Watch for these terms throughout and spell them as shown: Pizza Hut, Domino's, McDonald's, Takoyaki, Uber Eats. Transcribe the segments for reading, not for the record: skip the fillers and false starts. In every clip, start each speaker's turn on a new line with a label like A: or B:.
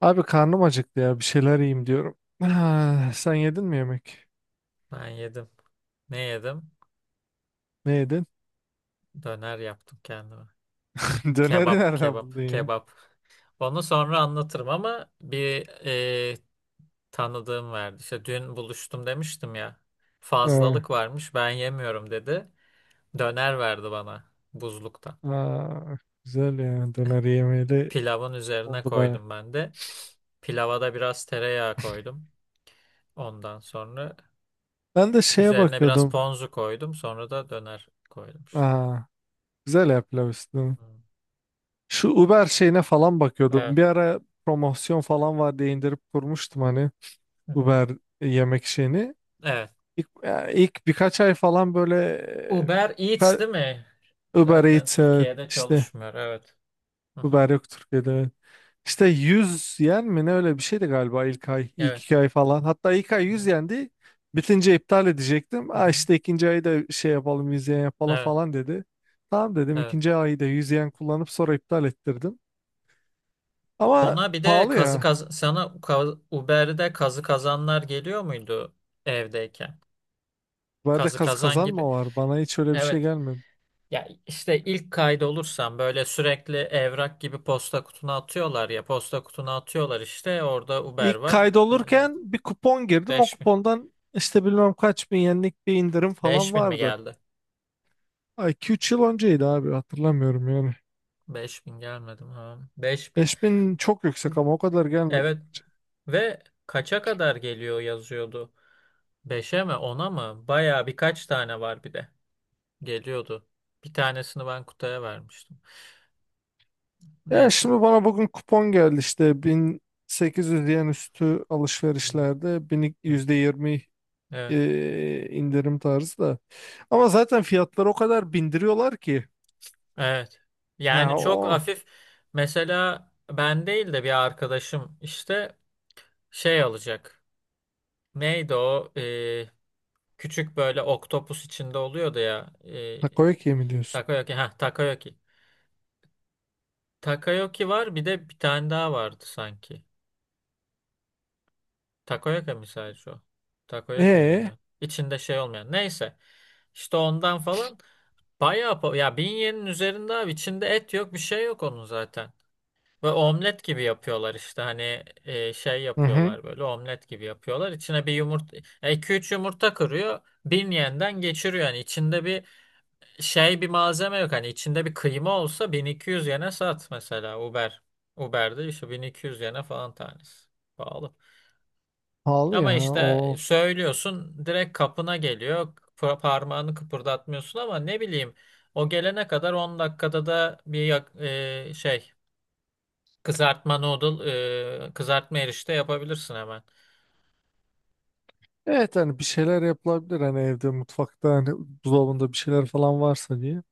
A: Abi karnım acıktı ya, bir şeyler yiyeyim diyorum. Ah, sen yedin mi yemek?
B: Ben yedim. Ne yedim?
A: Ne yedin?
B: Döner yaptım kendime.
A: Döneri
B: Kebap,
A: nereden buldun
B: kebap,
A: ya?
B: kebap. Onu sonra anlatırım ama bir e, tanıdığım verdi. İşte dün buluştum demiştim ya.
A: Ha,
B: Fazlalık varmış, ben yemiyorum dedi. Döner verdi bana buzlukta.
A: ha, güzel ya, döner yemeyeli
B: Pilavın üzerine
A: oldu baya.
B: koydum ben de. Pilava da biraz tereyağı koydum. Ondan sonra
A: Ben de şeye
B: üzerine biraz
A: bakıyordum.
B: ponzu koydum. Sonra da döner koydum işte.
A: Aa, güzel ya, pilav üstüne.
B: Hmm.
A: Şu Uber şeyine falan bakıyordum.
B: Evet.
A: Bir ara promosyon falan var diye indirip kurmuştum hani
B: Hı hı.
A: Uber yemek şeyini.
B: Evet.
A: İlk, ya ilk birkaç ay falan böyle
B: Uber
A: e,
B: Eats
A: ka-
B: değil mi?
A: Uber
B: Zaten
A: Eats, evet,
B: Türkiye'de
A: işte
B: çalışmıyor. Evet. Hı hı.
A: Uber yok Türkiye'de. Evet. İşte 100 yen mi ne, öyle bir şeydi galiba ilk ay, ilk
B: Evet.
A: iki ay falan. Hatta ilk ay
B: Hı
A: yüz
B: hı.
A: yendi. Bitince iptal edecektim.
B: Hı
A: Aa,
B: hı.
A: işte ikinci ayı da şey yapalım, 100 yen yapalım
B: Evet.
A: falan dedi. Tamam dedim,
B: Evet.
A: ikinci ayı da 100 yen kullanıp sonra iptal ettirdim. Ama
B: Ona bir de
A: pahalı
B: kazı
A: ya.
B: kaz sana Uber'de kazı kazanlar geliyor muydu evdeyken?
A: Uber'de
B: Kazı
A: kaz
B: kazan gibi.
A: kazanma var. Bana hiç öyle bir şey
B: Evet.
A: gelmedi.
B: Ya işte ilk kaydolursan böyle sürekli evrak gibi posta kutuna atıyorlar ya. Posta kutuna atıyorlar işte. Orada Uber
A: İlk
B: var. Evet.
A: kaydolurken bir kupon girdim. O
B: Beş bin
A: kupondan işte bilmem kaç bin yenlik bir indirim falan
B: beş bin mi
A: vardı.
B: geldi?
A: Ay, iki üç yıl önceydi abi, hatırlamıyorum yani.
B: 5.000 gelmedi mi? Ha. 5.000.
A: 5.000 çok yüksek ama o kadar gelmedi
B: Evet
A: bence.
B: ve kaça kadar geliyor yazıyordu. Beşe mi ona mı? Baya birkaç tane var bir de. Geliyordu. Bir tanesini ben kutuya vermiştim.
A: Ya
B: Neyse.
A: şimdi bana bugün kupon geldi, işte 1800 yen üstü
B: Hı
A: alışverişlerde bin
B: hı.
A: yüzde %20
B: Evet.
A: indirim tarzı da. Ama zaten fiyatları o kadar bindiriyorlar ki.
B: Evet.
A: Ha,
B: Yani çok
A: o
B: hafif, mesela ben değil de bir arkadaşım işte şey alacak. Neydi o? Küçük böyle oktopus içinde oluyordu ya.
A: takoyaki mi diyorsun?
B: Takayoki. Ha, Takayoki. Takayoki var bir de bir tane daha vardı sanki. Takoyaki mi sadece o? Takoyaki mi
A: E
B: deniyor? İçinde şey olmayan. Neyse. İşte ondan falan bayağı ya 1.000 yenin üzerinde abi, içinde et yok bir şey yok onun zaten. Ve omlet gibi yapıyorlar işte, hani şey
A: hı hı,
B: yapıyorlar, böyle omlet gibi yapıyorlar. İçine bir yumurta iki üç yumurta kırıyor. 1.000 yenden geçiriyor yani, içinde bir şey bir malzeme yok, hani içinde bir kıyma olsa 1.200 yene sat mesela, Uber. Uber'de işte 1.200 yene falan tanesi. Pahalı.
A: pahalı
B: Ama
A: ya
B: işte
A: o.
B: söylüyorsun direkt kapına geliyor. Parmağını kıpırdatmıyorsun, ama ne bileyim o gelene kadar 10 dakikada da bir kızartma noodle kızartma erişte yapabilirsin hemen.
A: Evet, hani bir şeyler yapılabilir, hani evde, mutfakta, hani buzdolabında bir şeyler falan varsa diye.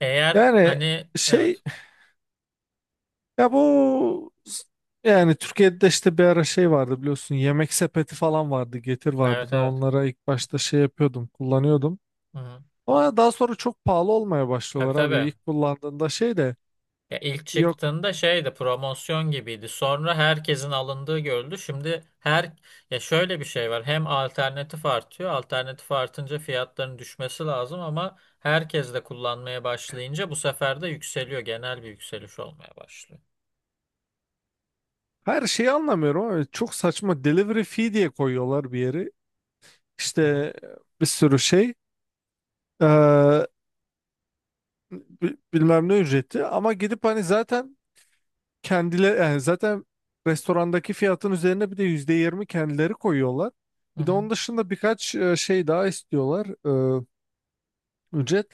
B: Eğer
A: Yani
B: hani,
A: şey,
B: evet
A: ya bu, yani Türkiye'de işte bir ara şey vardı, biliyorsun, yemek sepeti falan vardı, getir vardı.
B: evet
A: Ben
B: evet.
A: onlara ilk başta şey yapıyordum, kullanıyordum,
B: Hı-hı.
A: ama daha sonra çok pahalı olmaya
B: Tabii
A: başlıyorlar abi.
B: tabii.
A: İlk kullandığında şey de
B: Ya ilk
A: yok.
B: çıktığında şeydi, promosyon gibiydi. Sonra herkesin alındığı görüldü. Şimdi her, ya şöyle bir şey var. Hem alternatif artıyor. Alternatif artınca fiyatların düşmesi lazım, ama herkes de kullanmaya başlayınca bu sefer de yükseliyor. Genel bir yükseliş olmaya başlıyor.
A: Her şeyi anlamıyorum ama çok saçma delivery fee diye koyuyorlar bir yeri,
B: Hı hı.
A: işte bir sürü şey, eee, bilmem ne ücreti. Ama gidip hani, zaten kendileri, yani zaten restorandaki fiyatın üzerine bir de %20 kendileri koyuyorlar.
B: Hı
A: Bir de
B: hı.
A: onun dışında birkaç şey daha istiyorlar, e, ücret.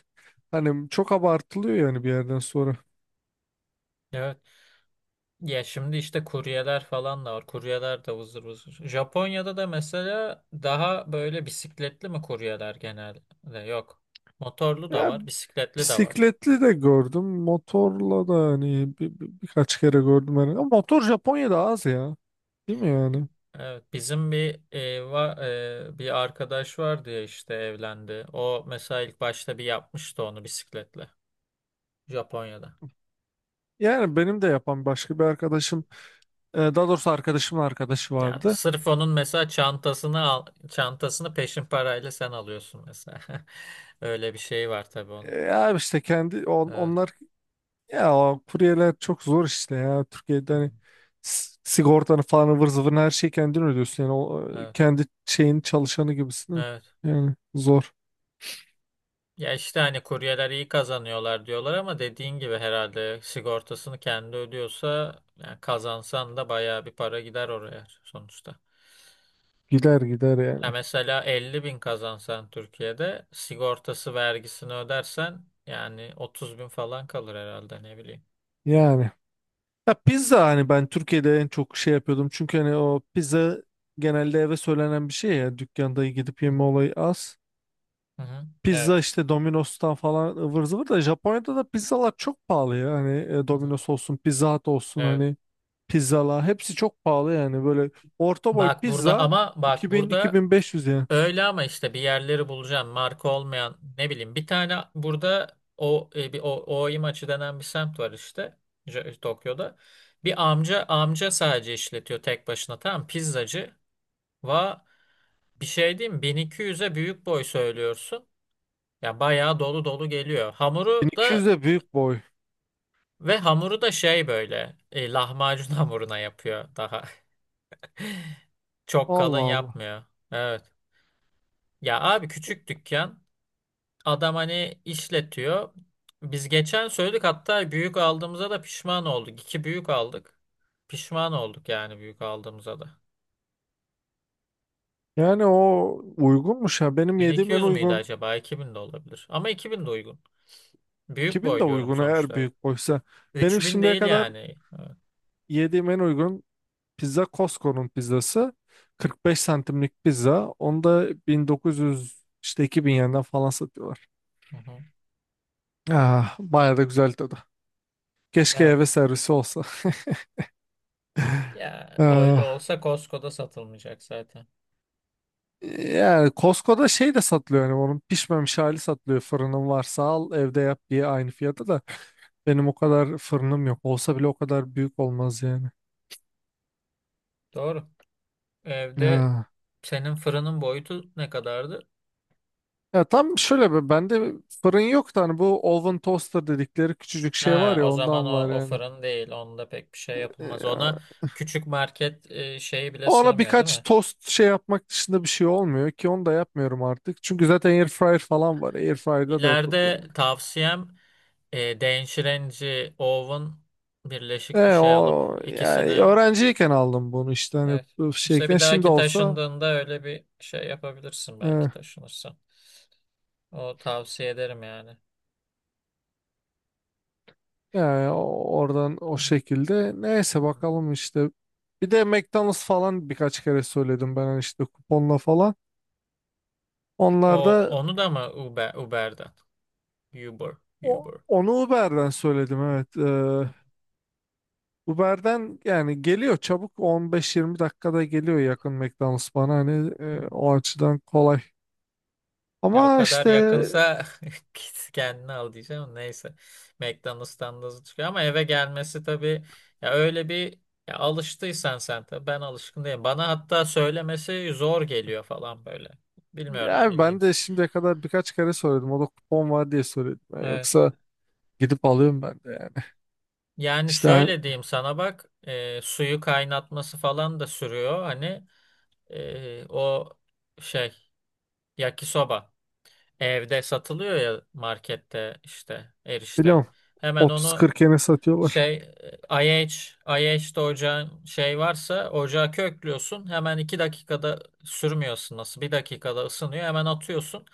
A: Hani çok abartılıyor yani bir yerden sonra.
B: Evet. Ya şimdi işte kuryeler falan da var. Kuryeler de vızır vızır. Japonya'da da mesela daha böyle bisikletli mi kuryeler genelde? Yok. Motorlu da
A: Ya
B: var, bisikletli de var.
A: bisikletli de gördüm, motorla da, hani birkaç kere gördüm hani. Ama motor Japonya'da az ya. Değil mi yani?
B: Evet, bizim bir e, va, e, bir arkadaş vardı ya işte, evlendi. O mesela ilk başta bir yapmıştı onu bisikletle, Japonya'da.
A: Yani benim de yapan başka bir arkadaşım, daha doğrusu arkadaşımın arkadaşı
B: Ya
A: vardı.
B: sırf onun mesela çantasını al, çantasını peşin parayla sen alıyorsun mesela. Öyle bir şey var tabii onun.
A: Ya işte
B: Evet.
A: ya o kuryeler çok zor işte ya. Türkiye'de
B: Hmm.
A: hani sigortanı falan, ıvır zıvırını, her şeyi kendin ödüyorsun. Yani o,
B: Evet.
A: kendi şeyin çalışanı gibisin.
B: Evet.
A: Yani zor.
B: Ya işte hani kuryeler iyi kazanıyorlar diyorlar, ama dediğin gibi herhalde sigortasını kendi ödüyorsa, yani kazansan da bayağı bir para gider oraya sonuçta.
A: Gider gider
B: Ya
A: yani.
B: mesela 50 bin kazansan Türkiye'de, sigortası vergisini ödersen yani 30 bin falan kalır herhalde, ne bileyim.
A: Yani. Ya pizza, hani ben Türkiye'de en çok şey yapıyordum. Çünkü hani o pizza genelde eve söylenen bir şey ya. Dükkanda gidip
B: Hı hı.
A: yeme olayı az.
B: Hı hı. Evet.
A: Pizza işte Domino's'tan falan ıvır zıvır, da Japonya'da da pizzalar çok pahalı ya. Hani
B: Hı hı.
A: Domino's olsun, Pizza Hut olsun,
B: Evet.
A: hani pizzalar hepsi çok pahalı yani. Böyle orta boy
B: Bak burada,
A: pizza
B: ama bak burada
A: 2000-2500 yani.
B: öyle, ama işte bir yerleri bulacağım, marka olmayan, ne bileyim bir tane burada, o bir o Ooi maçı denen bir semt var işte, Tokyo'da. Bir amca sadece işletiyor tek başına, tamam, pizzacı. Va bir şey diyeyim mi? 1200'e büyük boy söylüyorsun. Ya bayağı dolu dolu geliyor. Hamuru
A: 1200
B: da
A: de büyük boy.
B: ve hamuru da şey böyle lahmacun hamuruna yapıyor daha. Çok kalın
A: Allah Allah,
B: yapmıyor. Evet. Ya abi, küçük dükkan. Adam hani işletiyor. Biz geçen söyledik hatta, büyük aldığımıza da pişman olduk. İki büyük aldık. Pişman olduk yani, büyük aldığımıza da.
A: yani o uygunmuş ya. Benim
B: bin iki
A: yediğim en
B: yüz müydü
A: uygun
B: acaba? 2.000 de olabilir. Ama 2.000 de uygun. Büyük
A: 2000 de
B: boy diyorum
A: uygun, eğer
B: sonuçta, evet.
A: büyük boysa. Benim
B: 3.000
A: şimdiye
B: değil
A: kadar
B: yani. Evet.
A: yediğim en uygun pizza Costco'nun pizzası. 45 santimlik pizza, onu da 1900, işte 2000 yerinden falan satıyorlar.
B: Hı hı.
A: Ah, bayağı da güzel tadı. Keşke
B: Evet.
A: eve servisi olsa.
B: Ya öyle
A: Ah,
B: olsa Costco'da satılmayacak zaten.
A: yani Costco'da şey de satılıyor, yani onun pişmemiş hali satılıyor. Fırının varsa al, evde yap diye, aynı fiyata da. Benim o kadar fırınım yok. Olsa bile o kadar büyük olmaz yani.
B: Doğru. Evde
A: Ya,
B: senin fırının boyutu ne kadardı?
A: ya tam şöyle, be bende fırın yok da, hani bu oven toaster dedikleri küçücük şey var
B: Ha,
A: ya,
B: o zaman
A: ondan var
B: o
A: yani.
B: fırın değil. Onda pek bir şey yapılmaz. Ona
A: Ee,
B: küçük market şeyi bile
A: ona
B: sığmıyor, değil
A: birkaç
B: mi?
A: tost şey yapmak dışında bir şey olmuyor ki, onu da yapmıyorum artık. Çünkü zaten air fryer falan var. Air fryer'da da
B: İleride
A: yapabiliyorum.
B: tavsiyem e,電子renci, oven birleşik bir şey alıp
A: O,
B: ikisini,
A: yani öğrenciyken aldım bunu, işte hani
B: evet.
A: bu
B: İşte
A: şeyken,
B: bir
A: şimdi
B: dahaki
A: olsa
B: taşındığında öyle bir şey yapabilirsin,
A: e,
B: belki taşınırsan. O tavsiye ederim yani.
A: yani oradan o
B: Hı
A: şekilde, neyse
B: hı.
A: bakalım işte. Bir de McDonald's falan birkaç kere söyledim ben, hani işte kuponla falan. Onlar
B: O
A: da
B: onu da mı Uber'den? Uber, Uber.
A: onu Uber'den söyledim, evet.
B: Hı,
A: Uber'den yani geliyor, çabuk 15-20 dakikada geliyor, yakın McDonald's bana hani,
B: Uber.
A: o açıdan kolay.
B: Ya o
A: Ama
B: kadar
A: işte.
B: yakınsa git kendini al diyeceğim. Ama neyse. McDonald's'tan da hızlı çıkıyor, ama eve gelmesi tabii, ya öyle bir ya alıştıysan sen tabii, ben alışkın değilim. Bana hatta söylemesi zor geliyor falan böyle. Bilmiyorum,
A: Yani ben de
B: ilginç.
A: şimdiye kadar birkaç kere söyledim. O da kupon var diye söyledim ben.
B: Evet.
A: Yoksa gidip alıyorum ben de yani.
B: Yani
A: İşte hani-
B: şöyle diyeyim sana, bak suyu kaynatması falan da sürüyor hani o şey, yakisoba. Evde satılıyor ya markette, işte erişte.
A: biliyorum,
B: Hemen
A: Otuz
B: onu
A: kırk yene satıyorlar.
B: şey IH, IH'de ocağın şey varsa ocağa köklüyorsun. Hemen 2 dakikada sürmüyorsun, nasıl, bir dakikada ısınıyor. Hemen atıyorsun.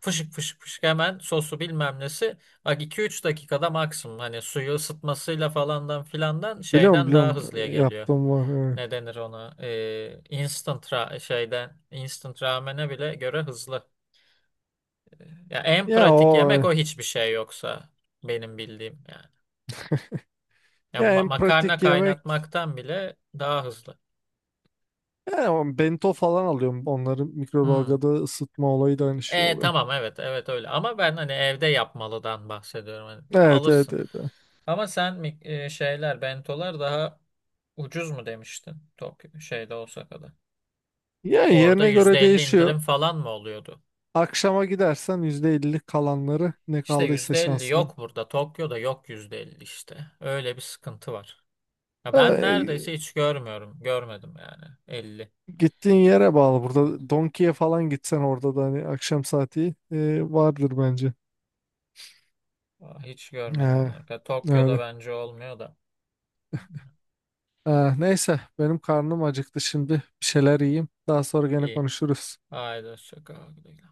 B: Fışık fışık fışık, hemen sosu bilmem nesi. Bak 2-3 dakikada maksimum. Hani suyu ısıtmasıyla falandan filandan
A: Biliyorum,
B: şeyden daha
A: biliyorum,
B: hızlıya geliyor.
A: yaptığım var, evet.
B: Ne denir ona? İnstant ra- şeyden instant ramene bile göre hızlı. Ya en
A: Ya
B: pratik
A: o,
B: yemek o, hiçbir şey yoksa benim bildiğim yani. Ya
A: ya en
B: makarna
A: pratik yemek.
B: kaynatmaktan bile daha hızlı.
A: He, o bento falan alıyorum. Onları
B: Hmm.
A: mikrodalgada ısıtma olayı da aynı şey oluyor.
B: Tamam, evet evet, öyle. Ama ben hani evde yapmalıdan bahsediyorum. Hani
A: Evet, evet,
B: alırsın.
A: evet, evet.
B: Ama sen şeyler, bentolar daha ucuz mu demiştin? Tokyo şeyde, Osaka'da.
A: Yani
B: Orada
A: yerine
B: yüzde
A: göre
B: elli
A: değişiyor.
B: indirim falan mı oluyordu?
A: Akşama gidersen %50 kalanları ne
B: İşte
A: kaldıysa
B: %50
A: şansına.
B: yok burada. Tokyo'da yok %50 işte. Öyle bir sıkıntı var. Ya ben neredeyse
A: Ee,
B: hiç görmüyorum. Görmedim yani. 50.
A: gittiğin yere bağlı.
B: Evet.
A: Burada Donki'ye falan gitsen, orada da hani akşam saati vardır bence.
B: Aa, hiç görmedim
A: He,
B: ben. Tokyo'da
A: öyle.
B: bence olmuyor da.
A: Neyse, benim karnım acıktı şimdi. Bir şeyler yiyeyim. Daha sonra gene
B: İyi.
A: konuşuruz.
B: Haydi hoşça kal. Güle güle.